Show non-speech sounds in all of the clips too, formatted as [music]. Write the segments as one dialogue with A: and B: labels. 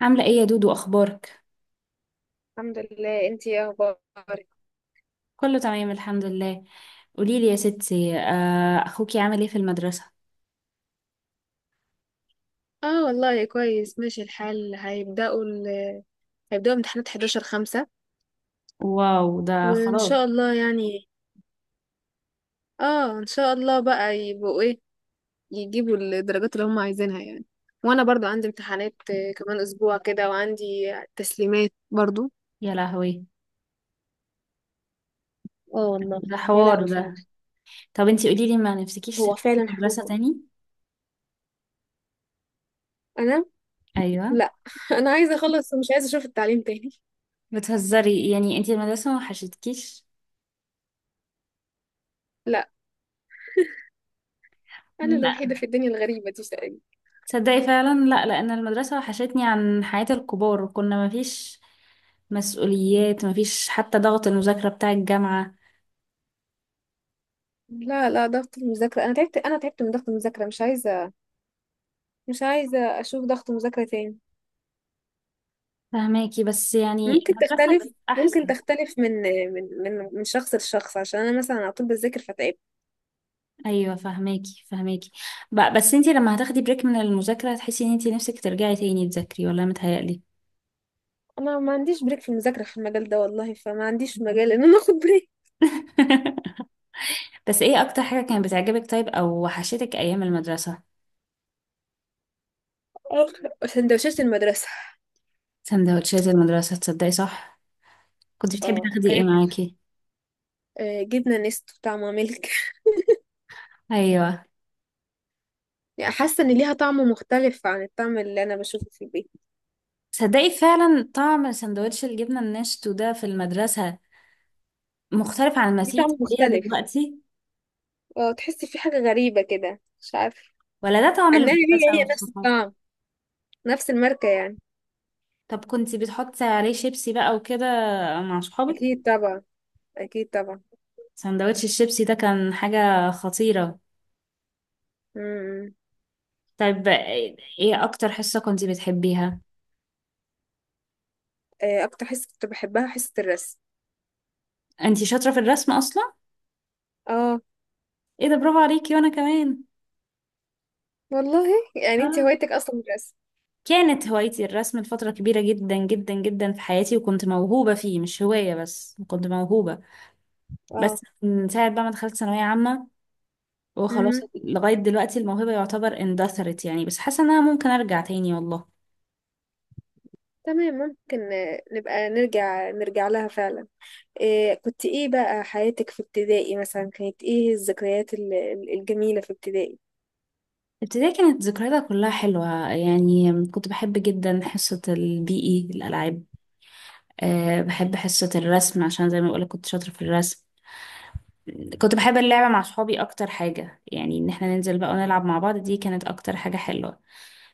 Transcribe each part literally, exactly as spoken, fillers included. A: عاملة ايه يا دودو، اخبارك؟
B: الحمد لله، انتي ايه اخبارك؟
A: كله تمام الحمد لله. قوليلي يا ستي، آه، اخوكي عامل ايه في المدرسة؟
B: اه والله كويس، ماشي الحال. هيبدأوا ال... هيبدأوا امتحانات حداشر خمسة
A: واو، ده
B: وان
A: خلاص.
B: شاء الله يعني. اه ان شاء الله بقى يبقوا ايه، يجيبوا الدرجات اللي هم عايزينها يعني. وانا برضو عندي امتحانات آه، كمان اسبوع كده، وعندي تسليمات برضو.
A: يا لهوي.
B: اه والله.
A: ده
B: يا
A: حوار
B: لهوي فعلا.
A: ده. طب انتي قوليلي، ما نفسكيش
B: هو
A: تدخلي
B: فعلا
A: مدرسة
B: حوار.
A: تاني؟
B: انا
A: ايوه.
B: لا [laughs] انا عايزه اخلص ومش عايزه اشوف التعليم تاني.
A: بتهزري يعني؟ انتي المدرسة ما وحشتكيش؟
B: لا، انا
A: لا.
B: الوحيده في الدنيا الغريبه دي تقريبا.
A: تصدقي فعلا، لا، لان المدرسة وحشتني عن حياة الكبار، كنا مفيش مسؤوليات، مفيش حتى ضغط المذاكرة بتاع الجامعة.
B: لا لا، ضغط المذاكره، انا تعبت انا تعبت من ضغط المذاكره، مش عايزه، مش عايزة أشوف ضغط مذاكرة تاني.
A: فهماكي؟ بس يعني
B: ممكن
A: المدرسة
B: تختلف،
A: كانت
B: ممكن
A: احسن.
B: تختلف من من من من شخص لشخص، عشان أنا مثلا على طول بذاكر فتعبت.
A: ايوه، فهماكي فهماكي. ب- بس انتي لما هتاخدي بريك من المذاكره هتحسي ان انتي نفسك ترجعي تاني تذاكري، ولا متهيألي؟
B: أنا ما عنديش بريك في المذاكرة في المجال ده والله، فما عنديش مجال إن أنا آخد بريك.
A: [laughs] بس ايه اكتر حاجه كانت بتعجبك، طيب، او وحشتك ايام المدرسه؟
B: آه، سندوتشات [laughs] المدرسة.
A: سندوتشات المدرسه، تصدقي؟ صح. كنت بتحبي
B: اه
A: تاخدي ايه
B: كانت،
A: معاكي؟
B: آه، جبنة نستو طعمها ملك [laughs]
A: ايوه.
B: يعني حاسة إن ليها طعم مختلف عن الطعم اللي أنا بشوفه في البيت.
A: تصدقي فعلا طعم سندوتش الجبنه الناشف ده في المدرسه مختلف عن ما
B: ليه
A: تيجي
B: طعم
A: تاكليها
B: مختلف؟
A: دلوقتي.
B: اه تحسي في حاجة غريبة كده مش عارفة.
A: ولا ده طعم
B: إنها هي،
A: المدرسه
B: هي نفس
A: والصحاب.
B: الطعم، نفس الماركة يعني.
A: طب كنتي بتحطي عليه شيبسي بقى وكده مع صحابك؟
B: أكيد طبعا، أكيد طبعا.
A: سندوتش الشيبسي ده كان حاجة خطيرة.
B: مم.
A: طيب ايه اكتر حصة كنتي بتحبيها؟
B: آه، اكتر حصه كنت بحبها حصه الرسم.
A: انتي شاطرة في الرسم اصلا.
B: اه
A: ايه ده، برافو عليكي، وانا كمان.
B: والله، يعني انت
A: اه،
B: هوايتك اصلا الرسم.
A: كانت هوايتي الرسم لفترة كبيرة جدا جدا جدا في حياتي، وكنت موهوبة فيه، مش هواية بس، كنت موهوبة.
B: اه.
A: بس من ساعة بقى ما دخلت ثانوية عامة وخلاص،
B: امم،
A: لغاية دلوقتي الموهبة يعتبر اندثرت يعني، بس حاسة انها ممكن ارجع تاني والله.
B: تمام، ممكن آه، نبقى نرجع نرجع لها فعلا. إيه كنت ايه بقى، حياتك في ابتدائي مثلا كانت ايه الذكريات ال- ال- الجميله في ابتدائي؟
A: ابتدائي كانت ذكرياتها كلها حلوة يعني. كنت بحب جدا حصة البي اي، الألعاب. أه، بحب حصة الرسم عشان زي ما بقولك كنت شاطرة في الرسم. كنت بحب اللعبة مع صحابي أكتر حاجة، يعني إن احنا ننزل بقى ونلعب مع بعض، دي كانت أكتر حاجة حلوة.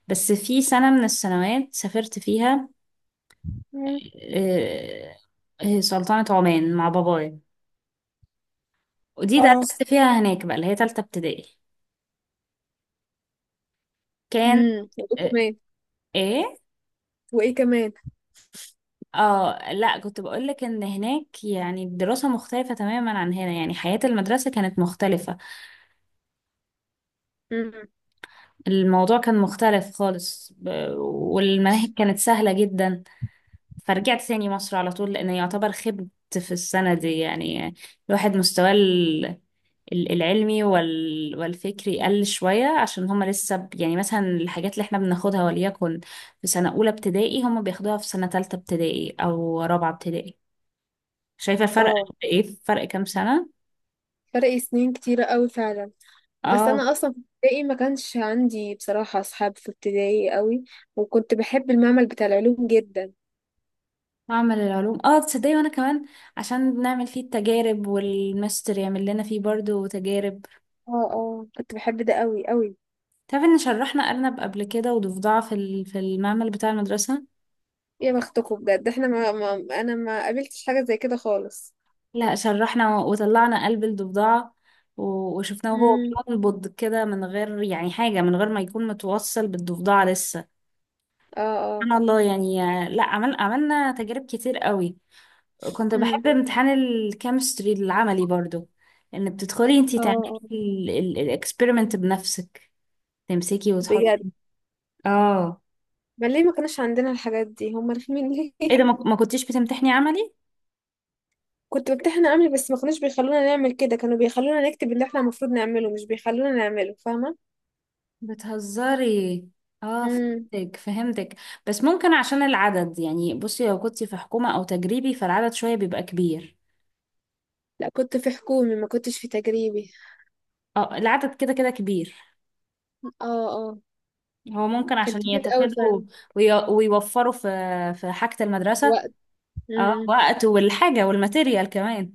A: بس في سنة من السنوات سافرت فيها.
B: مم.
A: أه، آه، سلطنة عمان مع بابايا. ودي
B: اه.
A: درست فيها هناك بقى، اللي هي تالتة ابتدائي. كان.
B: امم، وايه
A: أه.
B: كمان؟
A: إيه؟
B: وايه كمان؟
A: اه لا، كنت بقولك ان هناك يعني الدراسة مختلفة تماما عن هنا، يعني حياة المدرسة كانت مختلفة.
B: امم.
A: الموضوع كان مختلف خالص، ب- والمناهج كانت سهلة جدا. فرجعت ثاني مصر على طول، لأن يعتبر خبت في السنة دي يعني. الواحد مستواه ال- ال- العلمي وال- والفكري قل شوية، عشان هما لسه، ب- يعني مثلا الحاجات اللي احنا بناخدها وليكن في سنة أولى ابتدائي، هما بياخدوها في سنة تالتة ابتدائي أو رابعة ابتدائي. شايفة الفرق
B: اه،
A: قد إيه؟ فرق كام سنة؟
B: فرق سنين كتيرة قوي فعلا. بس
A: اه.
B: انا اصلا في ابتدائي ما كانش عندي بصراحة اصحاب في ابتدائي قوي، وكنت بحب المعمل بتاع العلوم جدا.
A: معمل العلوم، اه تصدقي وانا كمان. عشان نعمل فيه التجارب، والماستر يعمل لنا فيه برضو تجارب.
B: اه اه، كنت بحب ده قوي قوي.
A: تعرفي ان شرحنا ارنب قبل كده وضفدعة في ال- في المعمل بتاع المدرسة.
B: يا بختكم بجد، احنا ما, ما انا ما قابلتش حاجه زي كده خالص.
A: لا، شرحنا و- وطلعنا قلب الضفدعة، و- وشفناه وهو
B: امم.
A: بينبض كده من غير يعني حاجة، من غير ما يكون متوصل بالضفدعة لسه.
B: اه اه.
A: سبحان الله يعني. لا، عمل عملنا تجارب كتير قوي. كنت
B: امم.
A: بحب امتحان الكيمستري العملي برضو. ان بتدخلي انتي
B: اه
A: تعملي
B: اه،
A: الاكسبيرمنت بنفسك، تمسكي وتحطي.
B: بجد.
A: اه.
B: ما ليه ما كانش عندنا الحاجات دي، هم رخمين
A: ايه
B: ليه؟
A: ده، ما
B: [laughs]
A: ما كنتيش بتمتحني عملي؟
B: كنت بمتحن عملي، بس ما كانوش بيخلونا نعمل كده، كانوا بيخلونا نكتب اللي احنا المفروض نعمله، مش بيخلونا نعمله، فاهمه؟
A: بتهزري. اه،
B: امم.
A: فهمتك فهمتك. بس ممكن عشان العدد. يعني بصي، لو كنتي في حكومة او تجريبي فالعدد شوية بيبقى كبير.
B: لا كنت في حكومي، ما كنتش في تجريبي.
A: اه، العدد كده كده كبير.
B: اه اه.
A: هو ممكن
B: كان
A: عشان
B: كبير قوي
A: يتفادوا
B: فعلا.
A: وي- ويوفروا في في حاجة المدرسة.
B: وقت.
A: اه،
B: امم.
A: وقت والحاجة والماتيريال كمان.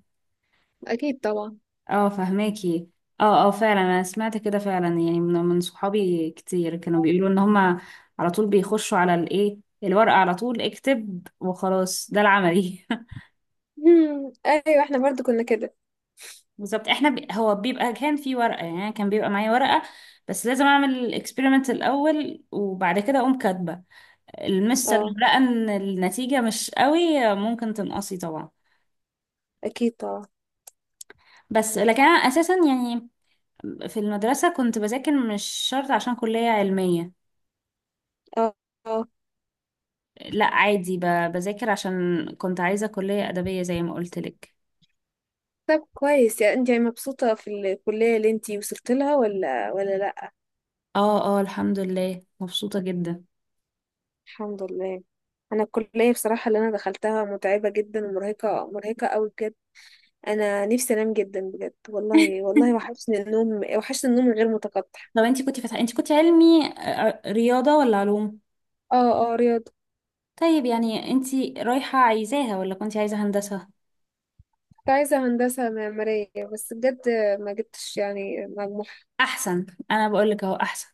B: اكيد طبعا.
A: اه، فهماكي. اه اه، فعلا انا سمعت كده فعلا، يعني من من صحابي كتير كانوا بيقولوا ان هما على طول بيخشوا على الايه الورقة، على طول اكتب وخلاص ده العملي. [laughs]
B: امم، ايوه احنا برضو كنا كده.
A: بالظبط، احنا ب... هو بيبقى كان في ورقة يعني، كان بيبقى معايا ورقة، بس لازم اعمل الاكسبيرمنت الاول وبعد كده اقوم كاتبة. المستر
B: اه،
A: لو لقى ان النتيجة مش قوي ممكن تنقصي طبعا.
B: اكيد طبعا.
A: بس لكن انا اساسا يعني، في المدرسة كنت بذاكر مش شرط عشان كلية علمية.
B: اه. آه.
A: لا، عادي، ب- بذاكر عشان كنت عايزة كلية أدبية زي ما قلت لك.
B: طب كويس، يعني انت يعني مبسوطة في الكلية اللي انت وصلت لها، ولا ولا لا؟
A: اه اه، الحمد لله مبسوطة جدا.
B: الحمد لله. انا الكلية بصراحة اللي انا دخلتها متعبة جدا ومرهقة، مرهقة قوي بجد. انا نفسي انام جدا بجد والله، والله
A: [laughs]
B: وحشني النوم، وحشني النوم غير متقطع.
A: طب انتي كنتي فاتحة، انتي كنتي علمي آه، رياضة ولا علوم؟
B: اه اه، رياضة.
A: طيب، يعني انتي رايحة عايزاها، ولا كنتي عايزة هندسة؟
B: كنت عايزة هندسة معمارية بس بجد، ما جبتش يعني مجموع.
A: احسن. انا بقول لك اهو احسن.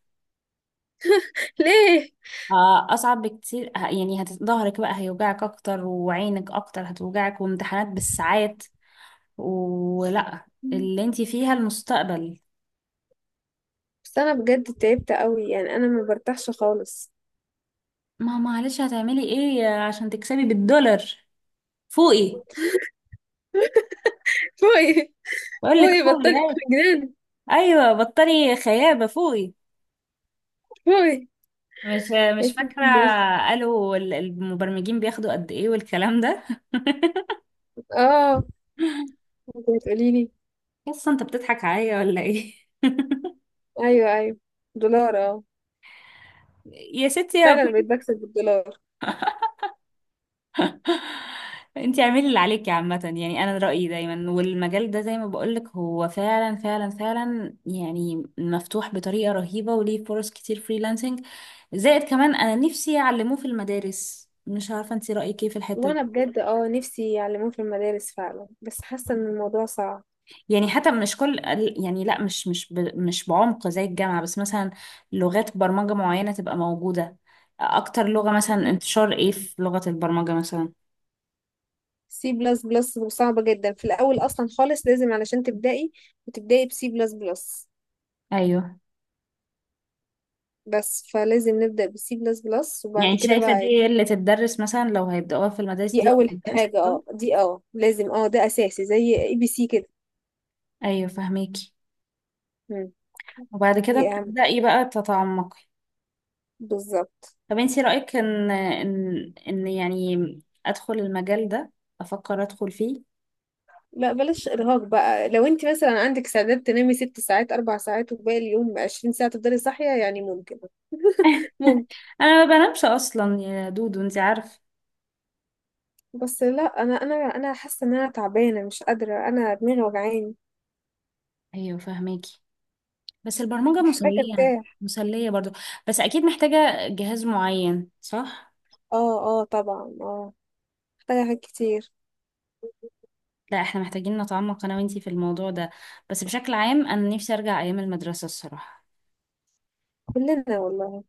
B: [laughs] ليه؟
A: آه، اصعب بكتير، ه- يعني هت- ظهرك بقى هيوجعك اكتر، وعينك اكتر هتوجعك، وامتحانات بالساعات، ولا اللي انتي فيها المستقبل.
B: بس انا بجد تعبت قوي، يعني انا ما برتاحش خالص.
A: ما معلش، هتعملي ايه عشان تكسبي بالدولار؟ فوقي.
B: [laughs] باي.
A: بقول لك
B: باي،
A: فوقي،
B: بطلي
A: ايوه.
B: جنان.
A: ايوه، بطلي خيابه، فوقي.
B: باي.
A: مش مش
B: اسمك
A: فاكره،
B: الناس.
A: قالوا ال- المبرمجين بياخدوا قد ايه والكلام ده. [laughs]
B: اه. انت بتقولي لي؟
A: قصه، انت بتضحك عليا ولا ايه؟
B: ايوه ايوه، دولار اه.
A: [laughs] يا ستي، يا ب...
B: فعلا بقيت بكسب بالدولار.
A: انت اعملي اللي عليكي عامه. يعني انا رايي دايما، والمجال ده زي ما بقول لك هو فعلا فعلا فعلا يعني مفتوح بطريقه رهيبه، وليه فرص كتير، فريلانسنج. زائد كمان انا نفسي يعلموه في المدارس. مش عارفه، انت رايك ايه في الحته دي؟
B: وانا بجد اه نفسي يعلموه في المدارس فعلا، بس حاسه ان الموضوع صعب.
A: يعني حتى مش كل ال- يعني لا، مش مش ب- مش بعمق زي الجامعة بس، مثلا لغات برمجة معينة تبقى موجودة. أكتر لغة مثلا انتشار إيه في لغة البرمجة مثلا؟
B: سي بلس بلس صعبه جدا في الاول اصلا خالص، لازم علشان تبدأي وتبدأي بسي بلس بلس.
A: أيوه.
B: بس فلازم نبدأ بسي بلس بلس، وبعد
A: يعني
B: كده
A: شايفة
B: بقى.
A: دي اللي تتدرس مثلا لو هيبدأوها في المدارس، دي
B: دي اول
A: بتتدرس
B: حاجه،
A: الأول؟
B: اه دي اه لازم، اه ده اساسي زي اي بي سي كده.
A: أيوه فهميكي.
B: مم.
A: وبعد كده
B: دي اهم.
A: بتبدأي بقى تتعمقي.
B: بالظبط.
A: طب انتي رأيك إن إن إن يعني أدخل المجال ده، أفكر أدخل فيه؟
B: لا بلاش ارهاق بقى، لو انت مثلا عندك استعداد تنامي ست ساعات، اربع ساعات، وباقي اليوم عشرين ساعة تفضلي صاحية يعني، ممكن،
A: [laughs]
B: ممكن.
A: أنا ما بنامش أصلا يا دودو، انتي عارفة.
B: بس لا، انا انا انا حاسة ان انا تعبانة مش قادرة، انا دماغي وجعاني،
A: أيوه فهميكي. بس البرمجة
B: محتاجة
A: مسلية،
B: ارتاح.
A: مسلية برضو. بس أكيد محتاجة جهاز معين، صح؟
B: اه اه طبعا، اه محتاجة حاجات كتير.
A: لا، احنا محتاجين نتعمق أنا وإنتي في الموضوع ده. بس بشكل عام أنا نفسي أرجع أيام المدرسة الصراحة.
B: كلنا والله.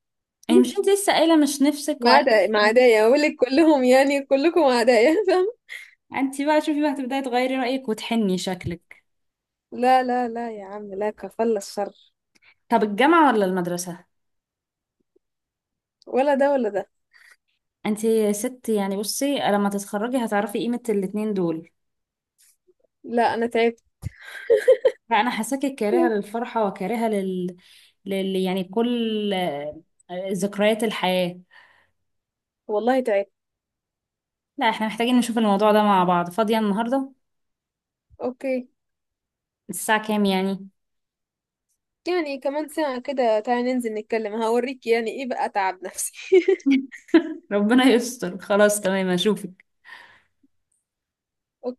A: يعني مش
B: [laughs]
A: انتي لسه قايلة مش نفسك،
B: ما
A: وعارفة.
B: عدا، ما عدايا اقول لك، كلهم يعني كلكم عدايا [laughs] فاهم؟
A: انتي بقى شوفي بقى، هتبدأي تغيري رأيك وتحني شكلك.
B: لا لا لا يا عم لا، كفل الشر.
A: طب الجامعة ولا المدرسة؟
B: ولا ده ولا ده.
A: انتي ست يعني، بصي لما تتخرجي هتعرفي قيمة الاتنين دول.
B: لا انا تعبت.
A: لا، أنا حاساكي كارهة للفرحة وكارهة لل... لل... يعني كل آه، ذكريات الحياة.
B: والله تعبت.
A: لا، احنا محتاجين نشوف الموضوع ده مع بعض. فاضية النهاردة؟
B: اوكي.
A: الساعة كام يعني؟
B: يعني كمان ساعة كده تعالي ننزل نتكلم، هوريك يعني ايه بقى تعب نفسي. [laughs]
A: [laughs] ربنا يستر. خلاص تمام، اشوفك.
B: اوكي.